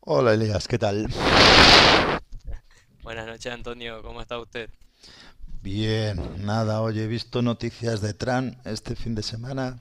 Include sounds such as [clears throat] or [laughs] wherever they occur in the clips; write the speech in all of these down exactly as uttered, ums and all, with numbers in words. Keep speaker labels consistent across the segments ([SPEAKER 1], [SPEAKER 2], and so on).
[SPEAKER 1] Hola Elías, ¿qué tal?
[SPEAKER 2] Buenas noches, Antonio. ¿Cómo está usted?
[SPEAKER 1] Bien, nada, oye, he visto noticias de Trump este fin de semana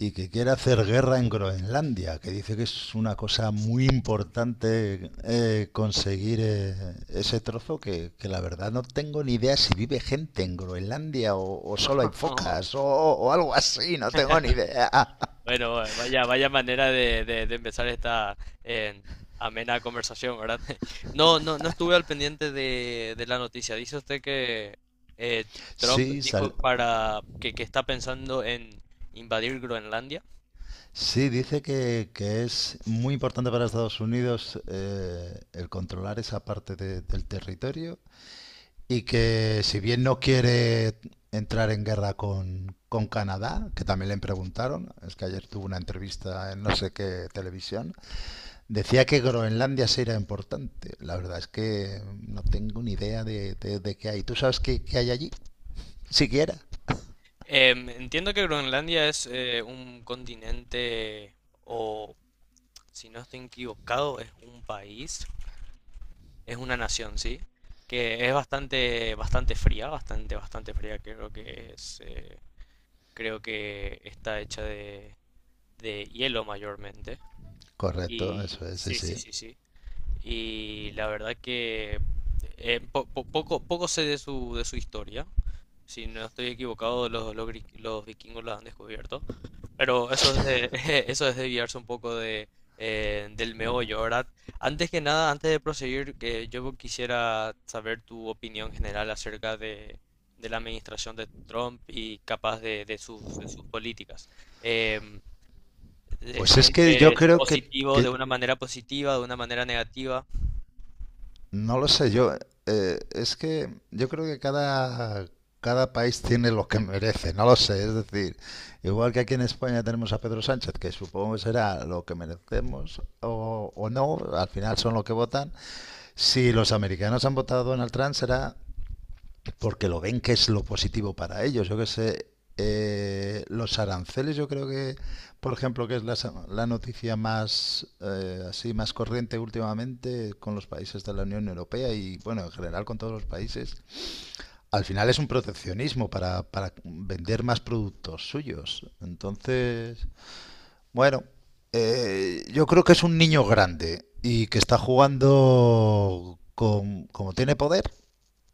[SPEAKER 1] y que quiere hacer guerra en Groenlandia, que dice que es una cosa muy importante eh, conseguir eh, ese trozo, que, que la verdad no tengo ni idea si vive gente en Groenlandia o, o solo hay
[SPEAKER 2] No.
[SPEAKER 1] focas o, o algo así, no tengo ni idea.
[SPEAKER 2] [laughs]
[SPEAKER 1] [laughs]
[SPEAKER 2] Bueno, vaya, vaya manera de, de- de empezar esta eh, amena conversación, ¿verdad? [laughs] No, no, no estuve al pendiente de, de la noticia. Dice usted que eh, Trump
[SPEAKER 1] Sí, sal-
[SPEAKER 2] dijo para que, que está pensando en invadir Groenlandia.
[SPEAKER 1] Sí, dice que, que es muy importante para Estados Unidos eh, el controlar esa parte de- del territorio. Y que si bien no quiere entrar en guerra con, con Canadá, que también le preguntaron, es que ayer tuvo una entrevista en no sé qué televisión, decía que Groenlandia sí importante. La verdad es que no tengo ni idea de, de, de qué hay. ¿Tú sabes qué, qué hay allí? Siquiera.
[SPEAKER 2] Em, entiendo que Groenlandia es eh, un continente, o si no estoy equivocado, es un país, es una nación, ¿sí? Que es bastante, bastante fría, bastante, bastante fría. Creo que es, eh, creo que está hecha de, de hielo mayormente.
[SPEAKER 1] Correcto,
[SPEAKER 2] Y
[SPEAKER 1] eso es, sí,
[SPEAKER 2] sí, sí,
[SPEAKER 1] sí.
[SPEAKER 2] sí, sí. Y la verdad que eh, po- po- poco, poco sé de su, de su historia. Si no estoy equivocado, los, los, gri- los vikingos la han descubierto. Pero eso es de, [laughs] eso es desviarse un poco de, eh, del meollo, ¿verdad? Antes que nada, antes de proseguir, que yo quisiera saber tu opinión general acerca de, de la administración de Trump y capaz de, de sus, de sus políticas. Em, ¿Te
[SPEAKER 1] Pues es que yo
[SPEAKER 2] sientes
[SPEAKER 1] creo que,
[SPEAKER 2] positivo de
[SPEAKER 1] que
[SPEAKER 2] una manera positiva, de una manera negativa?
[SPEAKER 1] No lo sé, yo, eh, es que yo creo que cada, cada país tiene lo que merece, no lo sé, es decir, igual que aquí en España tenemos a Pedro Sánchez, que supongo que será lo que merecemos o, o no, al final son lo que votan, si los americanos han votado a Donald Trump será porque lo ven que es lo positivo para ellos. Yo que sé, eh, los aranceles, yo creo que, por ejemplo, que es la, sa- la noticia más eh, así más corriente últimamente con los países de la Unión Europea y bueno, en general con todos los países, al final es un proteccionismo para, para vender más productos suyos. Entonces, bueno, eh, yo creo que es un niño grande y que está jugando con, como tiene poder,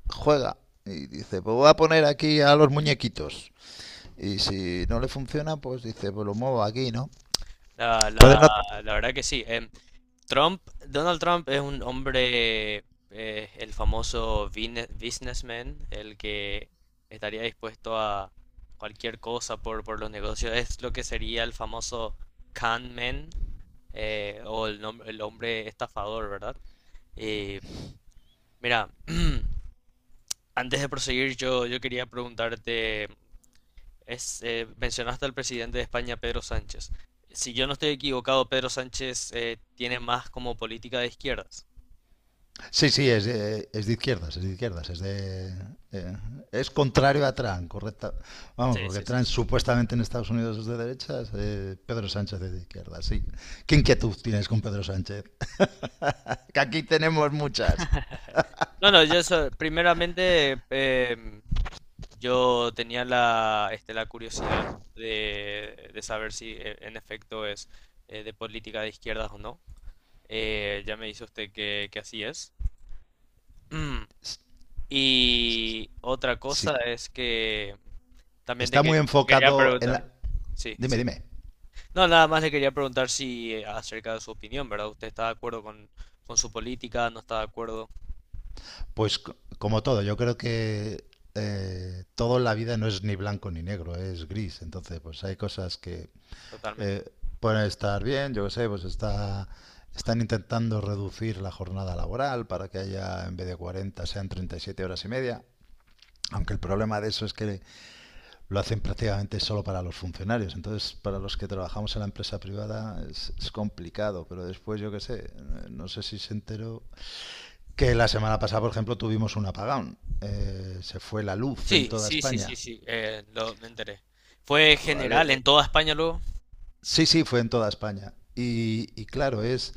[SPEAKER 1] juega y dice, pues voy a poner aquí a los muñequitos. Y si no le funciona, pues dice, pues lo muevo aquí, ¿no?
[SPEAKER 2] La,
[SPEAKER 1] Entonces
[SPEAKER 2] la-
[SPEAKER 1] no...
[SPEAKER 2] la verdad que sí. em, Trump, Donald Trump es un hombre, eh, el famoso bine- businessman, el que estaría dispuesto a cualquier cosa por, por los negocios. Es lo que sería el famoso con man, eh, o el, nom- el hombre estafador, ¿verdad? Y mira, [clears throat] antes de proseguir, yo, yo quería preguntarte, es, eh, mencionaste al presidente de España, Pedro Sánchez. Si yo no estoy equivocado, Pedro Sánchez eh, tiene más como política de izquierdas.
[SPEAKER 1] Sí, sí, es de, es de izquierdas, es de izquierdas, es de... eh, es contrario a Trump, correcta. Vamos,
[SPEAKER 2] Sí,
[SPEAKER 1] porque
[SPEAKER 2] sí, sí.
[SPEAKER 1] Trump
[SPEAKER 2] Sí.
[SPEAKER 1] supuestamente en Estados Unidos es de derechas, eh, Pedro Sánchez es de izquierdas, sí. ¿Qué inquietud tienes con Pedro Sánchez? Que aquí tenemos muchas.
[SPEAKER 2] No, no, yo so- primeramente em, yo tenía la, este, la curiosidad de, de saber si eh, en efecto es eh, de política de izquierdas o no. Eh, ya me dice usted que, que así es. [clears throat] Mm. Y otra
[SPEAKER 1] Sí,
[SPEAKER 2] cosa es que también te
[SPEAKER 1] está
[SPEAKER 2] que-
[SPEAKER 1] muy
[SPEAKER 2] te quería
[SPEAKER 1] enfocado en
[SPEAKER 2] preguntar.
[SPEAKER 1] la...
[SPEAKER 2] Sí,
[SPEAKER 1] Dime,
[SPEAKER 2] sí. Sí.
[SPEAKER 1] dime.
[SPEAKER 2] No, nada más le quería preguntar si eh, acerca de su opinión, ¿verdad? ¿Usted está de acuerdo con, con su política? ¿No está de acuerdo?
[SPEAKER 1] Pues c- Como todo, yo creo que eh, todo en la vida no es ni blanco ni negro, eh, es gris. Entonces, pues hay cosas que
[SPEAKER 2] Totalmente.
[SPEAKER 1] eh, pueden estar bien, yo qué sé, pues está, están intentando reducir la jornada laboral para que haya, en vez de cuarenta, sean treinta y siete horas y media. Aunque el problema de eso es que lo hacen prácticamente solo para los funcionarios. Entonces, para los que trabajamos en la empresa privada es, es complicado, pero después, yo qué sé, eh, no sé si se enteró que la semana pasada, por ejemplo, tuvimos un apagón. Eh, se fue la luz en
[SPEAKER 2] Sí,
[SPEAKER 1] toda
[SPEAKER 2] sí, sí, sí,
[SPEAKER 1] España.
[SPEAKER 2] sí, eh, lo, me enteré. ¿Fue
[SPEAKER 1] ¿Vale?
[SPEAKER 2] general en toda España luego?
[SPEAKER 1] Sí, sí, fue en toda España. Y, y claro, es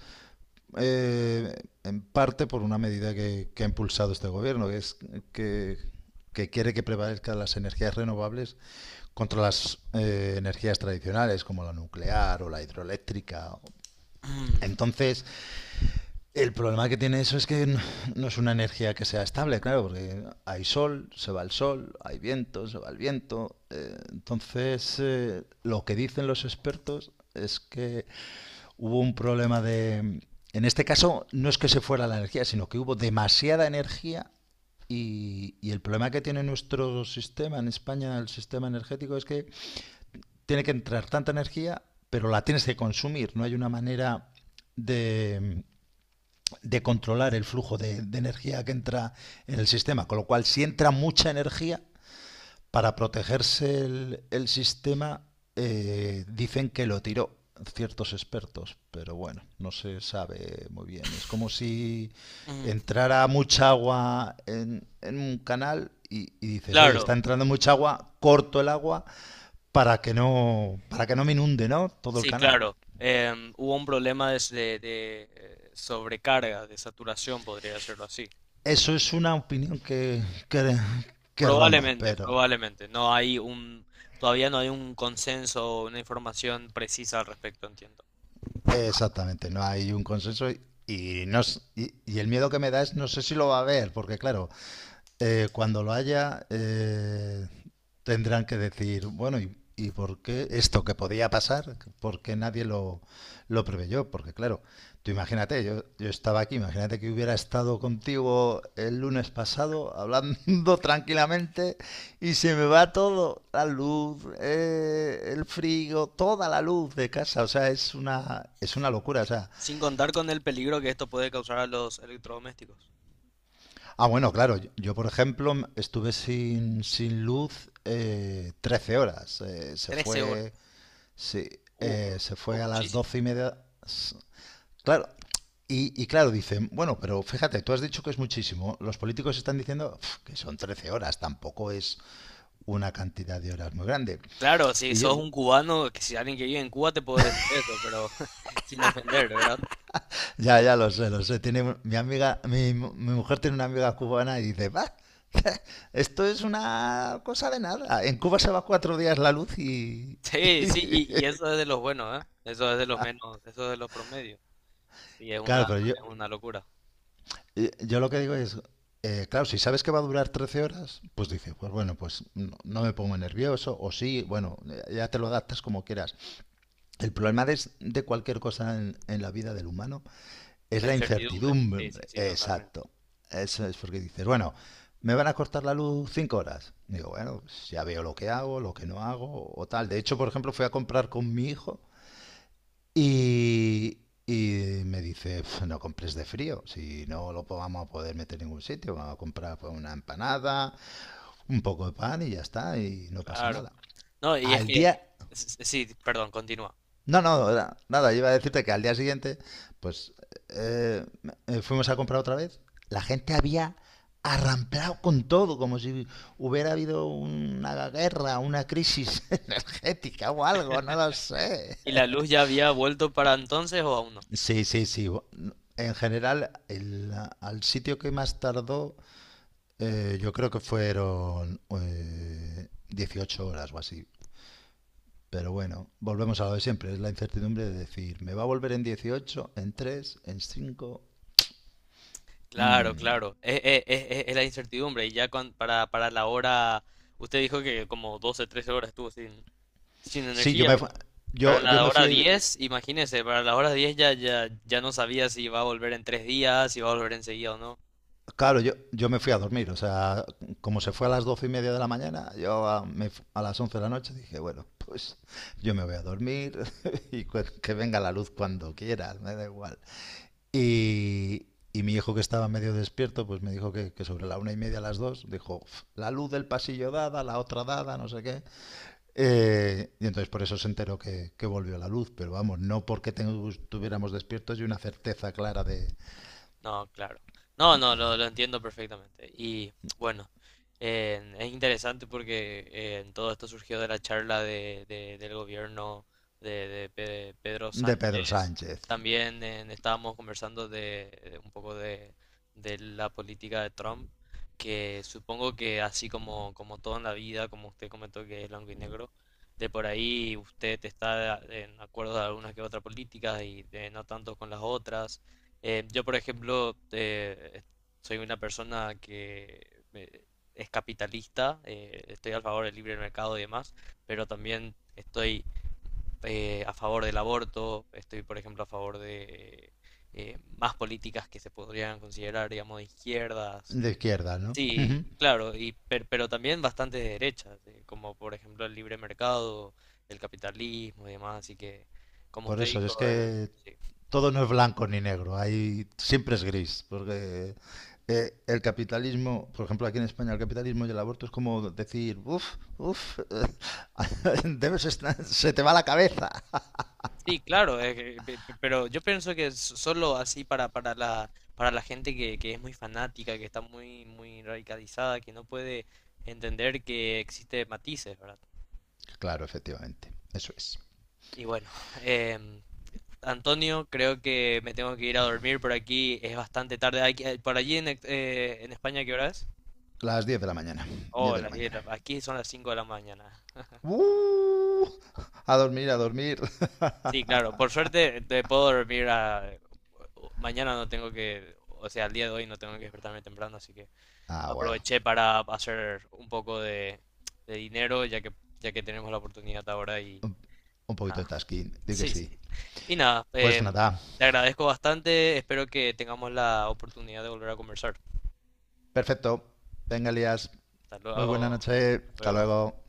[SPEAKER 1] eh, en parte por una medida que, que ha impulsado este gobierno, que es que, que quiere que prevalezcan las energías renovables contra las eh, energías tradicionales como la nuclear o la hidroeléctrica.
[SPEAKER 2] [clears throat]
[SPEAKER 1] Entonces, el problema que tiene eso es que n- no es una energía que sea estable, claro, porque hay sol, se va el sol, hay viento, se va el viento. Eh, entonces, eh, lo que dicen los expertos es que hubo un problema de... En este caso, no es que se fuera la energía, sino que hubo demasiada energía y, y el problema que tiene nuestro sistema en España, el sistema energético, es que tiene que entrar tanta energía, pero la tienes que consumir. No hay una manera de, de controlar el flujo de, de energía que entra en el sistema. Con lo cual, si entra mucha energía, para protegerse el, el sistema, eh, dicen que lo tiró ciertos expertos, pero bueno, no se sabe muy bien. Es como si
[SPEAKER 2] Ujú.
[SPEAKER 1] entrara mucha agua en, en un canal y, y, dices, oye,
[SPEAKER 2] Claro,
[SPEAKER 1] está entrando mucha agua, corto el agua para que no, para que no me inunde, ¿no?, todo el
[SPEAKER 2] sí,
[SPEAKER 1] canal.
[SPEAKER 2] claro. Em, hubo un problema de, de- de, eh, sobrecarga, de saturación, podría decirlo así.
[SPEAKER 1] Eso es una opinión que, que, que ronda,
[SPEAKER 2] Probablemente,
[SPEAKER 1] pero...
[SPEAKER 2] probablemente. No hay un, todavía no hay un consenso o una información precisa al respecto, entiendo.
[SPEAKER 1] Exactamente, no hay un consenso y, y no, s- y, y el miedo que me da es no sé si lo va a ver, porque claro, eh, cuando lo haya, eh, tendrán que decir, bueno, ¿y, y por qué esto que podía pasar? ¿Por qué nadie lo, lo preveyó? Porque claro, tú imagínate, yo, yo estaba aquí, imagínate que hubiera estado contigo el lunes pasado hablando [laughs] tranquilamente y se me va todo, la luz, eh, el frío, toda la luz de casa, o sea, es una, es una locura, o sea...
[SPEAKER 2] Sin contar con el peligro que esto puede causar a los electrodomésticos.
[SPEAKER 1] Ah, bueno, claro. Yo, yo, por ejemplo, m- estuve sin, sin luz eh, trece horas. Eh, se
[SPEAKER 2] Trece horas.
[SPEAKER 1] fue, sí,
[SPEAKER 2] Uh,
[SPEAKER 1] eh, se
[SPEAKER 2] oh,
[SPEAKER 1] fue a las
[SPEAKER 2] muchísimo.
[SPEAKER 1] doce y media. S- Claro. Y, y claro, dicen, bueno, pero fíjate, tú has dicho que es muchísimo. Los políticos están diciendo "Pf, que son trece horas, tampoco es una cantidad de horas muy grande".
[SPEAKER 2] Claro, si
[SPEAKER 1] Y yo,
[SPEAKER 2] sos un cubano, que si alguien que vive en Cuba te puede decir eso, pero [laughs] sin ofender, ¿verdad?
[SPEAKER 1] ya, ya lo sé, lo sé. Tiene un- mi amiga, mi, mu- mi mujer tiene una amiga cubana y dice, va, [laughs] esto es una cosa de nada. En Cuba se va cuatro días la luz y...
[SPEAKER 2] Sí, sí, y, y eso es de los buenos, ¿eh? Eso es de los menos, eso es de los promedios. Sí, es una,
[SPEAKER 1] Claro, pero yo,
[SPEAKER 2] es una locura.
[SPEAKER 1] y- yo lo que digo es, eh, claro, si sabes que va a durar trece horas, pues dices, pues bueno, pues no, no me pongo nervioso, o sí, bueno, ya ya te lo adaptas como quieras. El problema de, de cualquier cosa en en la vida del humano es
[SPEAKER 2] La
[SPEAKER 1] la
[SPEAKER 2] incertidumbre.
[SPEAKER 1] incertidumbre.
[SPEAKER 2] Sí, sí, sí, totalmente.
[SPEAKER 1] Exacto. Eso es porque dices, bueno, me van a cortar la luz cinco horas. Digo, bueno, pues ya veo lo que hago, lo que no hago o tal. De hecho, por ejemplo, fui a comprar con mi hijo y, y me dice, "Pf, no compres de frío, si no lo po- vamos a poder meter en ningún sitio, vamos a comprar pues, una empanada, un poco de pan y ya está, y no pasa
[SPEAKER 2] Claro.
[SPEAKER 1] nada".
[SPEAKER 2] No, y es
[SPEAKER 1] Al
[SPEAKER 2] que,
[SPEAKER 1] día...
[SPEAKER 2] s- s- sí, perdón, continúa.
[SPEAKER 1] No, no, era- nada, iba a decirte que al día siguiente, pues eh, eh, fuimos a comprar otra vez. La gente había arramplado con todo, como si hubiera habido una guerra, una crisis [laughs] energética o algo, no lo sé.
[SPEAKER 2] ¿Y la luz ya había vuelto para entonces o aún no?
[SPEAKER 1] Sí, sí, sí. bu- En general, el, al sitio que más tardó, eh, yo creo que fueron eh, dieciocho horas o así. Pero bueno, volvemos a lo de siempre, es la incertidumbre de decir, ¿me va a volver en dieciocho, en tres, en cinco?
[SPEAKER 2] Claro,
[SPEAKER 1] Mm.
[SPEAKER 2] claro. Es, es- es- es- es la incertidumbre. Y ya cuan- para, para la hora, usted dijo que como doce trece horas estuvo sin, sin
[SPEAKER 1] Sí, yo
[SPEAKER 2] energía.
[SPEAKER 1] me,
[SPEAKER 2] Para
[SPEAKER 1] yo, yo
[SPEAKER 2] la
[SPEAKER 1] me
[SPEAKER 2] hora
[SPEAKER 1] fui,
[SPEAKER 2] diez, imagínese, para la hora diez ya, ya, ya no sabía si iba a volver en tres días, si iba a volver enseguida o no.
[SPEAKER 1] claro, yo, yo me fui a dormir, o sea, como se fue a las doce y media de la mañana, yo a, me fu- a las once de la noche dije, bueno, pues yo me voy a dormir [laughs] y cu- que venga la luz cuando quiera, me da igual. Y, y mi hijo que estaba medio despierto, pues me dijo que, que sobre la una y media, a las dos, dijo, "Uf, la luz del pasillo dada, la otra dada, no sé qué". Eh, y entonces por eso se enteró que, que volvió la luz, pero vamos, no porque estuviéramos despiertos y una certeza clara de,
[SPEAKER 2] No, claro. No, no, lo, lo entiendo perfectamente. Y bueno, eh, es interesante porque eh, en todo esto surgió de la charla de, de- del gobierno de, de Pe- Pedro
[SPEAKER 1] de Pedro
[SPEAKER 2] Sánchez.
[SPEAKER 1] Sánchez,
[SPEAKER 2] También eh, estábamos conversando de, de un poco de, de la política de Trump, que supongo que así como, como todo en la vida, como usted comentó que es blanco y negro, de por ahí usted está eh, en acuerdo de algunas que otras políticas y de no tanto con las otras. Eh, yo, por ejemplo, eh, soy una persona que eh, es capitalista, eh, estoy a favor del libre mercado y demás, pero también estoy eh, a favor del aborto, estoy, por ejemplo, a favor de eh, más políticas que se podrían considerar, digamos, de izquierdas.
[SPEAKER 1] de izquierda, ¿no?
[SPEAKER 2] Sí,
[SPEAKER 1] Ujú.
[SPEAKER 2] claro, y, per- pero también bastante de derechas, eh, como por ejemplo el libre mercado, el capitalismo y demás, así que, como
[SPEAKER 1] Por
[SPEAKER 2] usted
[SPEAKER 1] eso
[SPEAKER 2] dijo,
[SPEAKER 1] es
[SPEAKER 2] eh,
[SPEAKER 1] que
[SPEAKER 2] sí.
[SPEAKER 1] todo no es blanco ni negro, hay, siempre es gris, porque eh, el capitalismo, por ejemplo, aquí en España, el capitalismo y el aborto es como decir, uff, uff, [laughs] debes estar- se te va la cabeza.
[SPEAKER 2] Sí, claro, es que- pe- pe- pero yo pienso que so- solo así para, para la, para la gente que, que es muy fanática, que está muy, muy radicalizada, que no puede entender que existe matices, ¿verdad?
[SPEAKER 1] Claro, efectivamente, eso es.
[SPEAKER 2] Y bueno, [laughs] em, Antonio, creo que me tengo que ir a dormir por aquí, es bastante tarde. Aquí- eh, por allí en, ex- eh, en España, ¿qué hora es?
[SPEAKER 1] Las diez de la mañana, diez
[SPEAKER 2] Oh,
[SPEAKER 1] de la
[SPEAKER 2] las diez. De
[SPEAKER 1] mañana.
[SPEAKER 2] la- aquí son las cinco de la mañana.
[SPEAKER 1] Uh, a dormir, a dormir.
[SPEAKER 2] Sí, claro, por suerte te puedo dormir a. Mañana no tengo que, o sea, el día de hoy no tengo que despertarme temprano, así que.
[SPEAKER 1] Ah, bueno.
[SPEAKER 2] Aproveché para hacer un poco de, de dinero, ya que, ya que tenemos la oportunidad ahora y
[SPEAKER 1] Un poquito de
[SPEAKER 2] nada.
[SPEAKER 1] tasking, digo que
[SPEAKER 2] Sí,
[SPEAKER 1] sí.
[SPEAKER 2] sí. Y nada,
[SPEAKER 1] Pues
[SPEAKER 2] eh,
[SPEAKER 1] nada,
[SPEAKER 2] te agradezco bastante. Espero que tengamos la oportunidad de volver a conversar.
[SPEAKER 1] perfecto. Venga, Elías.
[SPEAKER 2] Hasta
[SPEAKER 1] Muy buena
[SPEAKER 2] luego.
[SPEAKER 1] noche.
[SPEAKER 2] Hasta
[SPEAKER 1] Hasta
[SPEAKER 2] luego.
[SPEAKER 1] luego.